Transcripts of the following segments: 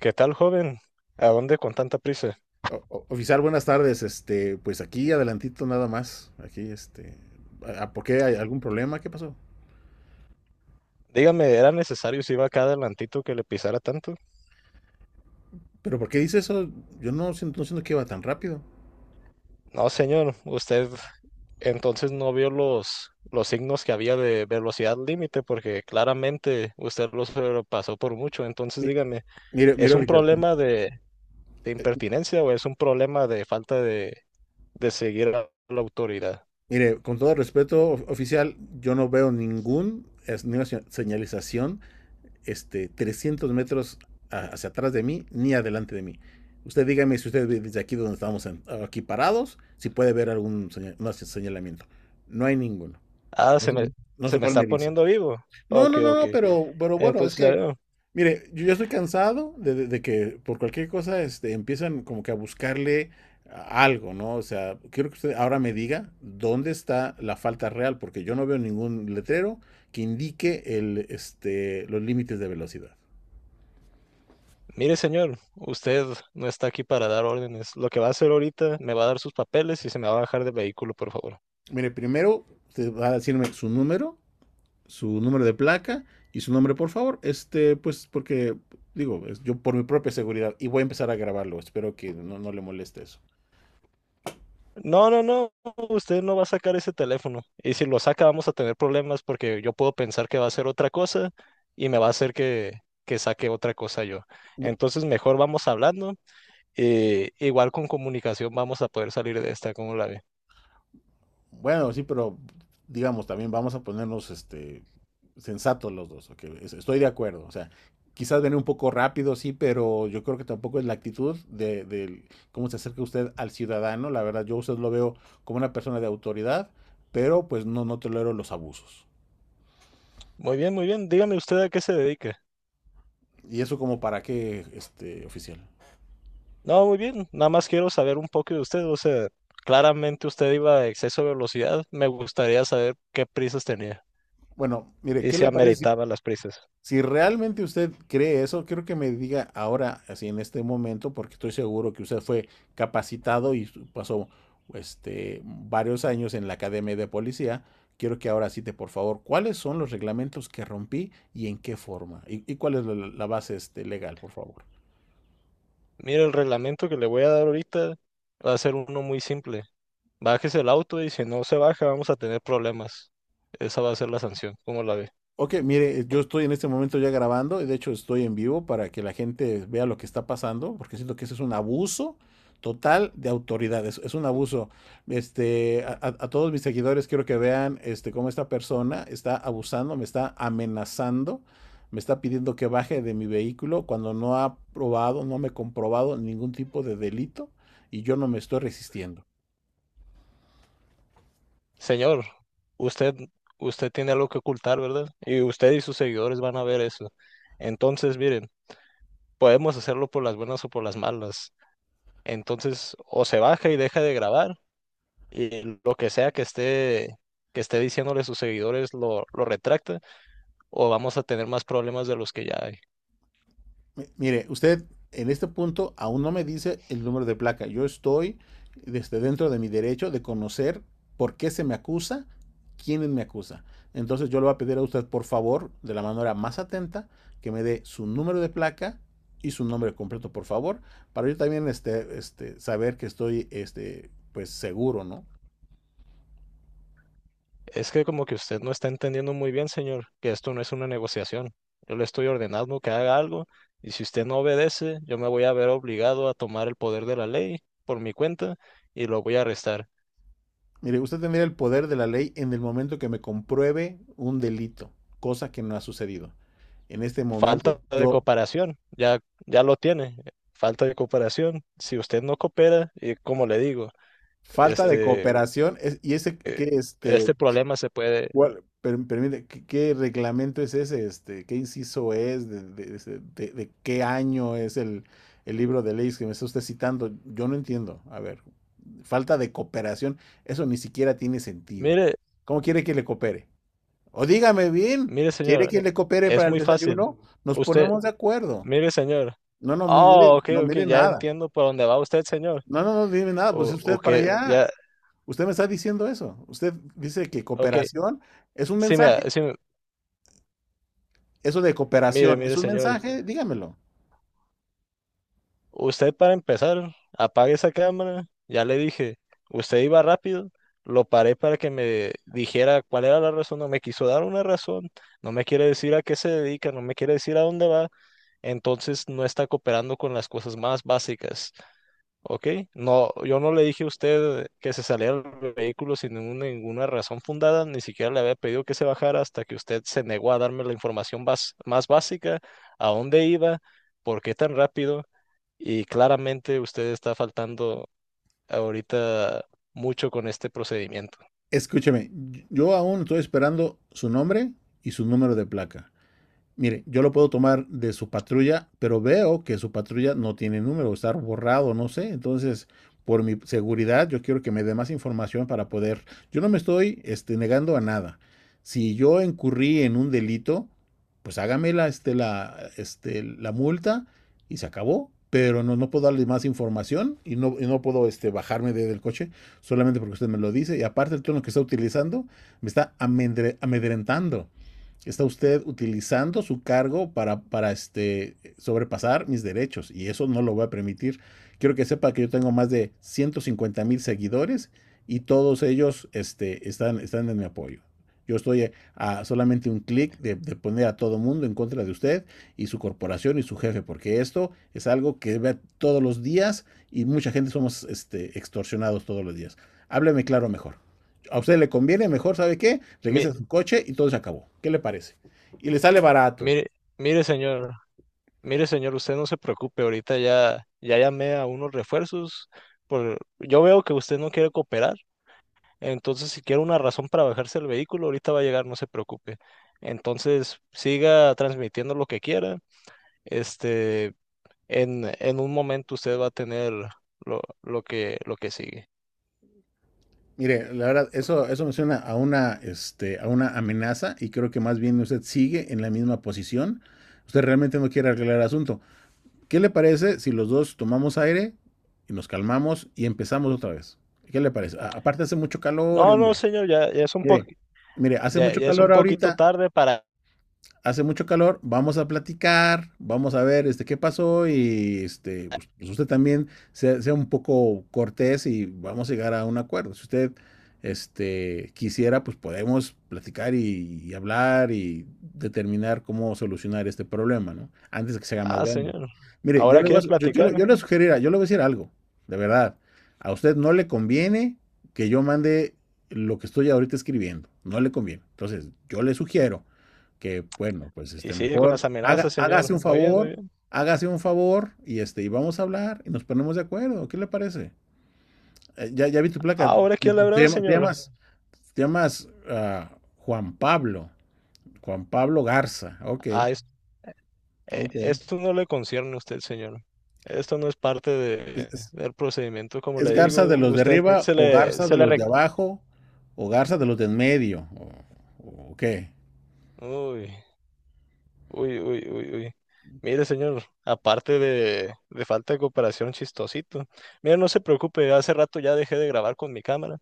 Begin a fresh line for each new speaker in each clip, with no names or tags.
¿Qué tal, joven? ¿A dónde con tanta prisa?
O, oficial, buenas tardes. Pues aquí adelantito nada más. Aquí, ¿por qué hay algún problema? ¿Qué pasó?
Dígame, ¿era necesario si iba acá adelantito que le pisara tanto?
Pero ¿por qué dice eso? Yo no siento que iba tan rápido.
No, señor, usted entonces no vio los signos que había de velocidad límite porque claramente usted los pasó por mucho. Entonces,
Mi-
dígame,
mire,
¿es un
oficial,
problema de
eh,
impertinencia o es un problema de falta de seguir a la autoridad?
mire, con todo respeto, oficial, yo no veo señalización, 300 metros hacia atrás de mí ni adelante de mí. Usted dígame si usted ve desde aquí donde estamos aquí parados, si puede ver no, señalamiento. No hay ninguno.
Ah,
No
se
sé,
me,
no
Se
sé
me
cuál
está
me dice.
poniendo vivo.
No,
Ok,
no, no,
ok.
no, pero bueno, es
Entonces, ya
que,
veo.
mire, yo ya estoy cansado de que por cualquier cosa empiezan como que a buscarle algo, ¿no? O sea, quiero que usted ahora me diga dónde está la falta real, porque yo no veo ningún letrero que indique los límites de velocidad.
Mire, señor, usted no está aquí para dar órdenes. Lo que va a hacer ahorita, me va a dar sus papeles y se me va a bajar del vehículo, por favor.
Mire, primero usted va a decirme su número de placa y su nombre, por favor. Pues, porque, digo, yo por mi propia seguridad, y voy a empezar a grabarlo, espero que no le moleste eso.
No, no, no, usted no va a sacar ese teléfono. Y si lo saca, vamos a tener problemas porque yo puedo pensar que va a hacer otra cosa y me va a hacer que saque otra cosa yo. Entonces, mejor vamos hablando y igual con comunicación vamos a poder salir de esta, ¿cómo la ve?
Bueno, sí, pero digamos, también vamos a ponernos sensatos los dos, ok, estoy de acuerdo, o sea, quizás viene un poco rápido, sí, pero yo creo que tampoco es la actitud del cómo se acerca usted al ciudadano, la verdad, yo a usted lo veo como una persona de autoridad, pero pues no tolero los abusos.
Muy bien, muy bien. Dígame usted a qué se dedica.
Y eso como para qué, oficial.
No, muy bien. Nada más quiero saber un poco de usted. O sea, claramente usted iba a exceso de velocidad. Me gustaría saber qué prisas tenía
Bueno, mire,
y
¿qué
si
le parece si...
ameritaba las prisas.
Si realmente usted cree eso, quiero que me diga ahora, así en este momento, porque estoy seguro que usted fue capacitado y pasó varios años en la academia de policía. Quiero que ahora cite, por favor, cuáles son los reglamentos que rompí y en qué forma, y cuál es la base legal, por favor.
Mire, el reglamento que le voy a dar ahorita va a ser uno muy simple. Bájese el auto y si no se baja vamos a tener problemas. Esa va a ser la sanción. ¿Cómo la ve?
Ok, mire, yo estoy en este momento ya grabando y de hecho estoy en vivo para que la gente vea lo que está pasando, porque siento que ese es un abuso total de autoridad, es un abuso. A todos mis seguidores quiero que vean cómo esta persona está abusando, me está amenazando, me está pidiendo que baje de mi vehículo cuando no ha probado, no me ha comprobado ningún tipo de delito y yo no me estoy resistiendo.
Señor, usted, usted tiene algo que ocultar, ¿verdad? Y usted y sus seguidores van a ver eso. Entonces, miren, podemos hacerlo por las buenas o por las malas. Entonces, o se baja y deja de grabar y lo que sea que esté diciéndole a sus seguidores lo retracta o vamos a tener más problemas de los que ya hay.
Mire, usted en este punto aún no me dice el número de placa. Yo estoy desde dentro de mi derecho de conocer por qué se me acusa, quién me acusa. Entonces yo le voy a pedir a usted, por favor, de la manera más atenta, que me dé su número de placa y su nombre completo, por favor, para yo también saber que estoy pues seguro, ¿no?
Es que como que usted no está entendiendo muy bien, señor, que esto no es una negociación. Yo le estoy ordenando que haga algo y si usted no obedece, yo me voy a ver obligado a tomar el poder de la ley por mi cuenta y lo voy a arrestar.
Mire, usted tendría el poder de la ley en el momento que me compruebe un delito, cosa que no ha sucedido. En este momento,
Falta de
yo...
cooperación, ya lo tiene. Falta de cooperación. Si usted no coopera, y como le digo,
Falta de
este
cooperación. ¿Y ese qué,
eh, este problema se puede.
cuál, permite, qué reglamento es ese? ¿Qué inciso es? ¿De qué año es el libro de leyes que me está usted citando? Yo no entiendo. A ver, falta de cooperación, eso ni siquiera tiene sentido.
Mire,
¿Cómo quiere que le coopere? O dígame bien,
mire,
¿quiere
señor,
que le coopere
es
para el
muy fácil.
desayuno? Nos
Usted,
ponemos de acuerdo.
mire, señor.
No, no, mire,
Oh, ok,
no
ok,
mire
ya
nada.
entiendo por dónde va usted, señor.
No, no, no, dime nada, pues
O,
es
o
usted para
que
allá...
ya,
Usted me está diciendo eso. Usted dice que
ok.
cooperación es un
Sí, mira,
mensaje.
sí,
Eso de
mire,
cooperación es
mire,
un
señor.
mensaje. Dígamelo.
Usted para empezar, apague esa cámara. Ya le dije, usted iba rápido. Lo paré para que me dijera cuál era la razón. No me quiso dar una razón. No me quiere decir a qué se dedica. No me quiere decir a dónde va. Entonces no está cooperando con las cosas más básicas. Ok, no, yo no le dije a usted que se saliera del vehículo sin ninguna razón fundada, ni siquiera le había pedido que se bajara hasta que usted se negó a darme la información más básica, a dónde iba, por qué tan rápido, y claramente usted está faltando ahorita mucho con este procedimiento.
Escúcheme, yo aún estoy esperando su nombre y su número de placa. Mire, yo lo puedo tomar de su patrulla, pero veo que su patrulla no tiene número, está borrado, no sé. Entonces, por mi seguridad, yo quiero que me dé más información para poder. Yo no me estoy negando a nada. Si yo incurrí en un delito, pues hágame la multa y se acabó. Pero no puedo darle más información y no puedo bajarme del coche solamente porque usted me lo dice. Y aparte el tono que está utilizando me está amedrentando. Está usted utilizando su cargo para sobrepasar mis derechos y eso no lo voy a permitir. Quiero que sepa que yo tengo más de 150,000 seguidores y todos ellos están en mi apoyo. Yo estoy a solamente un clic de poner a todo mundo en contra de usted y su corporación y su jefe, porque esto es algo que ve todos los días y mucha gente somos extorsionados todos los días. Hábleme claro, mejor a usted le conviene. Mejor, ¿sabe qué?
Mi-
Regrese a su coche y todo se acabó. ¿Qué le parece? Y le sale barato.
mire, mire señor, mire señor, usted no se preocupe, ahorita ya llamé a unos refuerzos, yo veo que usted no quiere cooperar. Entonces, si quiere una razón para bajarse el vehículo, ahorita va a llegar, no se preocupe. Entonces, siga transmitiendo lo que quiera. Este, en un momento usted va a tener lo que sigue.
Mire, la verdad, eso me suena a una amenaza y creo que más bien usted sigue en la misma posición. Usted realmente no quiere arreglar el asunto. ¿Qué le parece si los dos tomamos aire y nos calmamos y empezamos otra vez? ¿Qué le parece? Aparte hace mucho calor, y,
No, no,
hombre.
señor,
Mire, mire, hace
ya,
mucho
ya es un
calor
poquito
ahorita.
tarde para.
Hace mucho calor, vamos a platicar, vamos a ver qué pasó y pues, usted también sea un poco cortés y vamos a llegar a un acuerdo. Si usted quisiera, pues podemos platicar y hablar y determinar cómo solucionar este problema, ¿no? Antes de que se haga más
Ah,
grande.
señor.
Mire,
Ahora quiere platicar.
yo le voy a decir algo, de verdad. A usted no le conviene que yo mande lo que estoy ahorita escribiendo, no le conviene. Entonces, yo le sugiero que bueno, pues
Y sigue con las
mejor
amenazas, señor. Muy bien, muy bien.
hágase un favor y vamos a hablar y nos ponemos de acuerdo. ¿Qué le parece? Ya vi tu placa.
Ahora
Te,
quiere
te
hablar,
llama- te
señor.
llamas te llamas Juan Pablo, Garza. Ok,
Ah, eh,
ok.
esto no le concierne a usted, señor. Esto no es parte
¿Es, es-
del procedimiento, como
es
le
Garza de
digo.
los de
Usted
arriba o Garza
se
de
le
los de
rec-
abajo o Garza de los de en medio o qué?
uy, uy, uy, uy, uy. Mire, señor, aparte de falta de cooperación, chistosito. Mire, no se preocupe, hace rato ya dejé de grabar con mi cámara.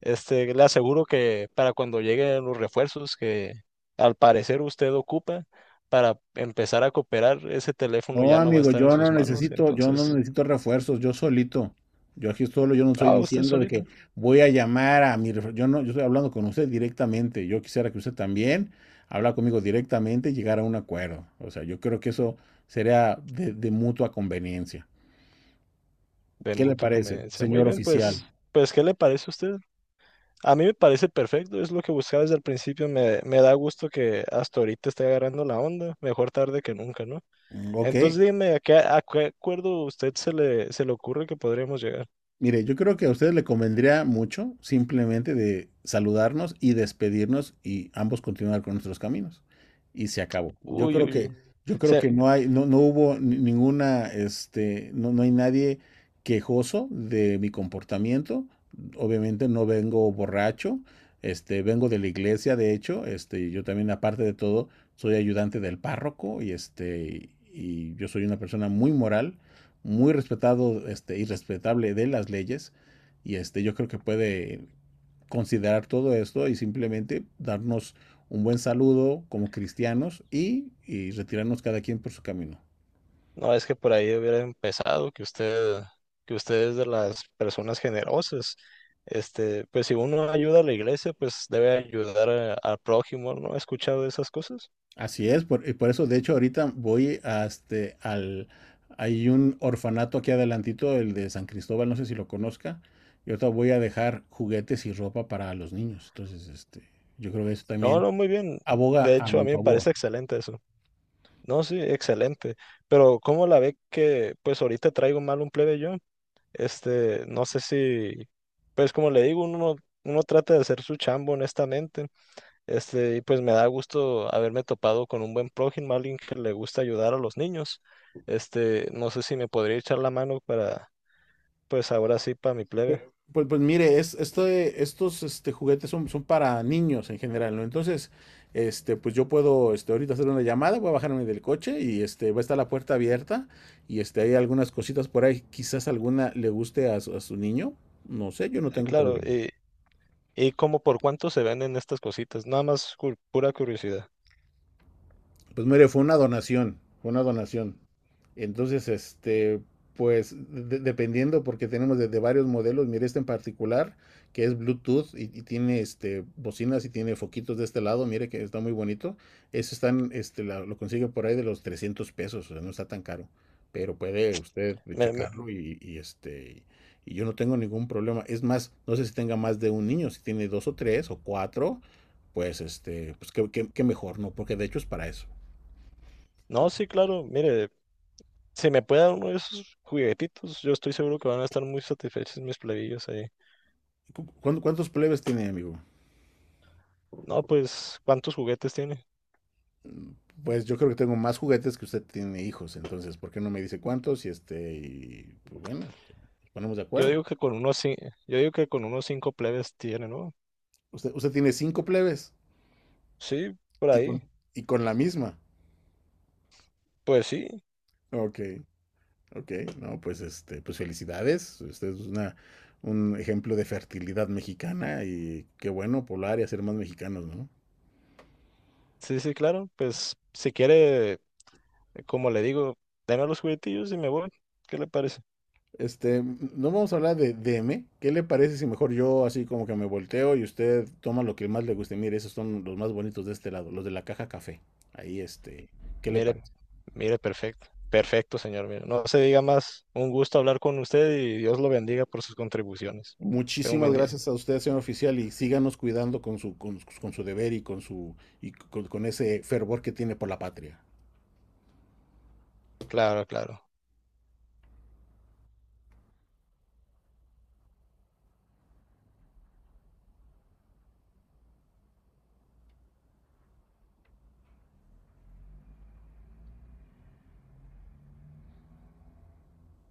Este, le aseguro que para cuando lleguen los refuerzos que al parecer usted ocupa para empezar a cooperar, ese teléfono
No,
ya no va a
amigo,
estar en
yo
sus
no
manos.
necesito, yo no
Entonces,
necesito refuerzos, yo solito. Yo aquí solo, yo no estoy
ah, usted
diciendo de
solito.
que voy a llamar a mi refuerzo. Yo no, yo estoy hablando con usted directamente. Yo quisiera que usted también habla conmigo directamente y llegar a un acuerdo. O sea, yo creo que eso sería de mutua conveniencia.
De
¿Qué le
mutua
parece,
conveniencia. Muy
señor
bien, pues,
oficial?
pues, ¿qué le parece a usted? A mí me parece perfecto, es lo que buscaba desde el principio. Me da gusto que hasta ahorita esté agarrando la onda, mejor tarde que nunca, ¿no?
Mm, ok...
Entonces dime, ¿a qué acuerdo usted se le ocurre que podríamos llegar?
Mire, yo creo que a ustedes le convendría mucho simplemente de saludarnos y despedirnos y ambos continuar con nuestros caminos. Y se acabó. Yo
Uy,
creo
uy, uy.
que, Mm, yo creo
Se-
que no hay, no, no hubo ninguna, no, no hay nadie quejoso de mi comportamiento. Obviamente no vengo borracho, vengo de la iglesia, de hecho, yo también, aparte de todo, soy ayudante del párroco y yo soy una persona muy moral, muy respetado, y respetable de las leyes. Yo creo que puede considerar todo esto y simplemente darnos un buen saludo como cristianos y retirarnos cada quien por su camino.
no, es que por ahí hubiera empezado, que usted es de las personas generosas. Este, pues si uno ayuda a la iglesia, pues debe ayudar al prójimo, ¿no? ¿Ha escuchado esas cosas?
Así es, y por eso de hecho ahorita voy al... Hay un orfanato aquí adelantito, el de San Cristóbal, no sé si lo conozca. Y ahorita voy a dejar juguetes y ropa para los niños. Entonces, yo creo que eso
No,
también
no, muy bien.
aboga
De
a
hecho, a
mi
mí me parece
favor.
excelente eso. No, sí, excelente. Pero ¿cómo la ve que pues ahorita traigo mal un plebe yo? Este, no sé si, pues como le digo, uno trata de hacer su chambo honestamente. Este, y pues me da gusto haberme topado con un buen prójimo, alguien que le gusta ayudar a los niños. Este, no sé si me podría echar la mano para, pues ahora sí, para mi
Pues,
plebe.
pues mire, estos juguetes son para niños en general, ¿no? Entonces, pues yo puedo ahorita hacer una llamada, voy a bajarme del coche va a estar la puerta abierta hay algunas cositas por ahí, quizás alguna le guste a su niño, no sé, yo no tengo
Claro,
problema.
y como por cuánto se venden estas cositas, nada más pura curiosidad.
Pues mire, fue una donación, fue una donación. Entonces, pues dependiendo, porque tenemos desde varios modelos, mire este en particular, que es Bluetooth y tiene bocinas y tiene foquitos de este lado, mire que está muy bonito. Eso están, lo consigue por ahí de los 300 pesos, o sea, no está tan caro, pero puede usted
Me,
checarlo y yo no tengo ningún problema. Es más, no sé si tenga más de un niño, si tiene dos o tres o cuatro, pues qué mejor, ¿no? Porque de hecho es para eso.
No, sí, claro, mire, si me puede dar uno de esos juguetitos, yo estoy seguro que van a estar muy satisfechos mis plebillos ahí.
¿Cuántos plebes tiene, amigo?
No, pues, ¿cuántos juguetes tiene?
Pues yo creo que tengo más juguetes que usted tiene hijos, entonces, ¿por qué no me dice cuántos? Y pues bueno, o sea, nos ponemos de
Yo
acuerdo.
digo que con unos cinco, yo digo que con unos cinco plebes tiene, ¿no?
Usted tiene cinco plebes
Sí, por
y
ahí.
con, y con la misma.
Pues sí,
Ok, ok, no, pues felicidades. Usted es un ejemplo de fertilidad mexicana y qué bueno poblar y hacer más mexicanos, ¿no?
sí, sí, claro. Pues si quiere, como le digo, deme los juguetillos y me voy. ¿Qué le parece?
No vamos a hablar de DM. ¿Qué le parece si mejor yo así como que me volteo y usted toma lo que más le guste? Mire, esos son los más bonitos de este lado, los de la caja café. Ahí, ¿qué le
Mire,
parece?
mire, perfecto. Perfecto, señor. Mire, no se diga más. Un gusto hablar con usted y Dios lo bendiga por sus contribuciones. Tengo un
Muchísimas
buen día.
gracias a usted, señor oficial, y síganos cuidando con su deber y con ese fervor que tiene por la patria.
Claro, claro.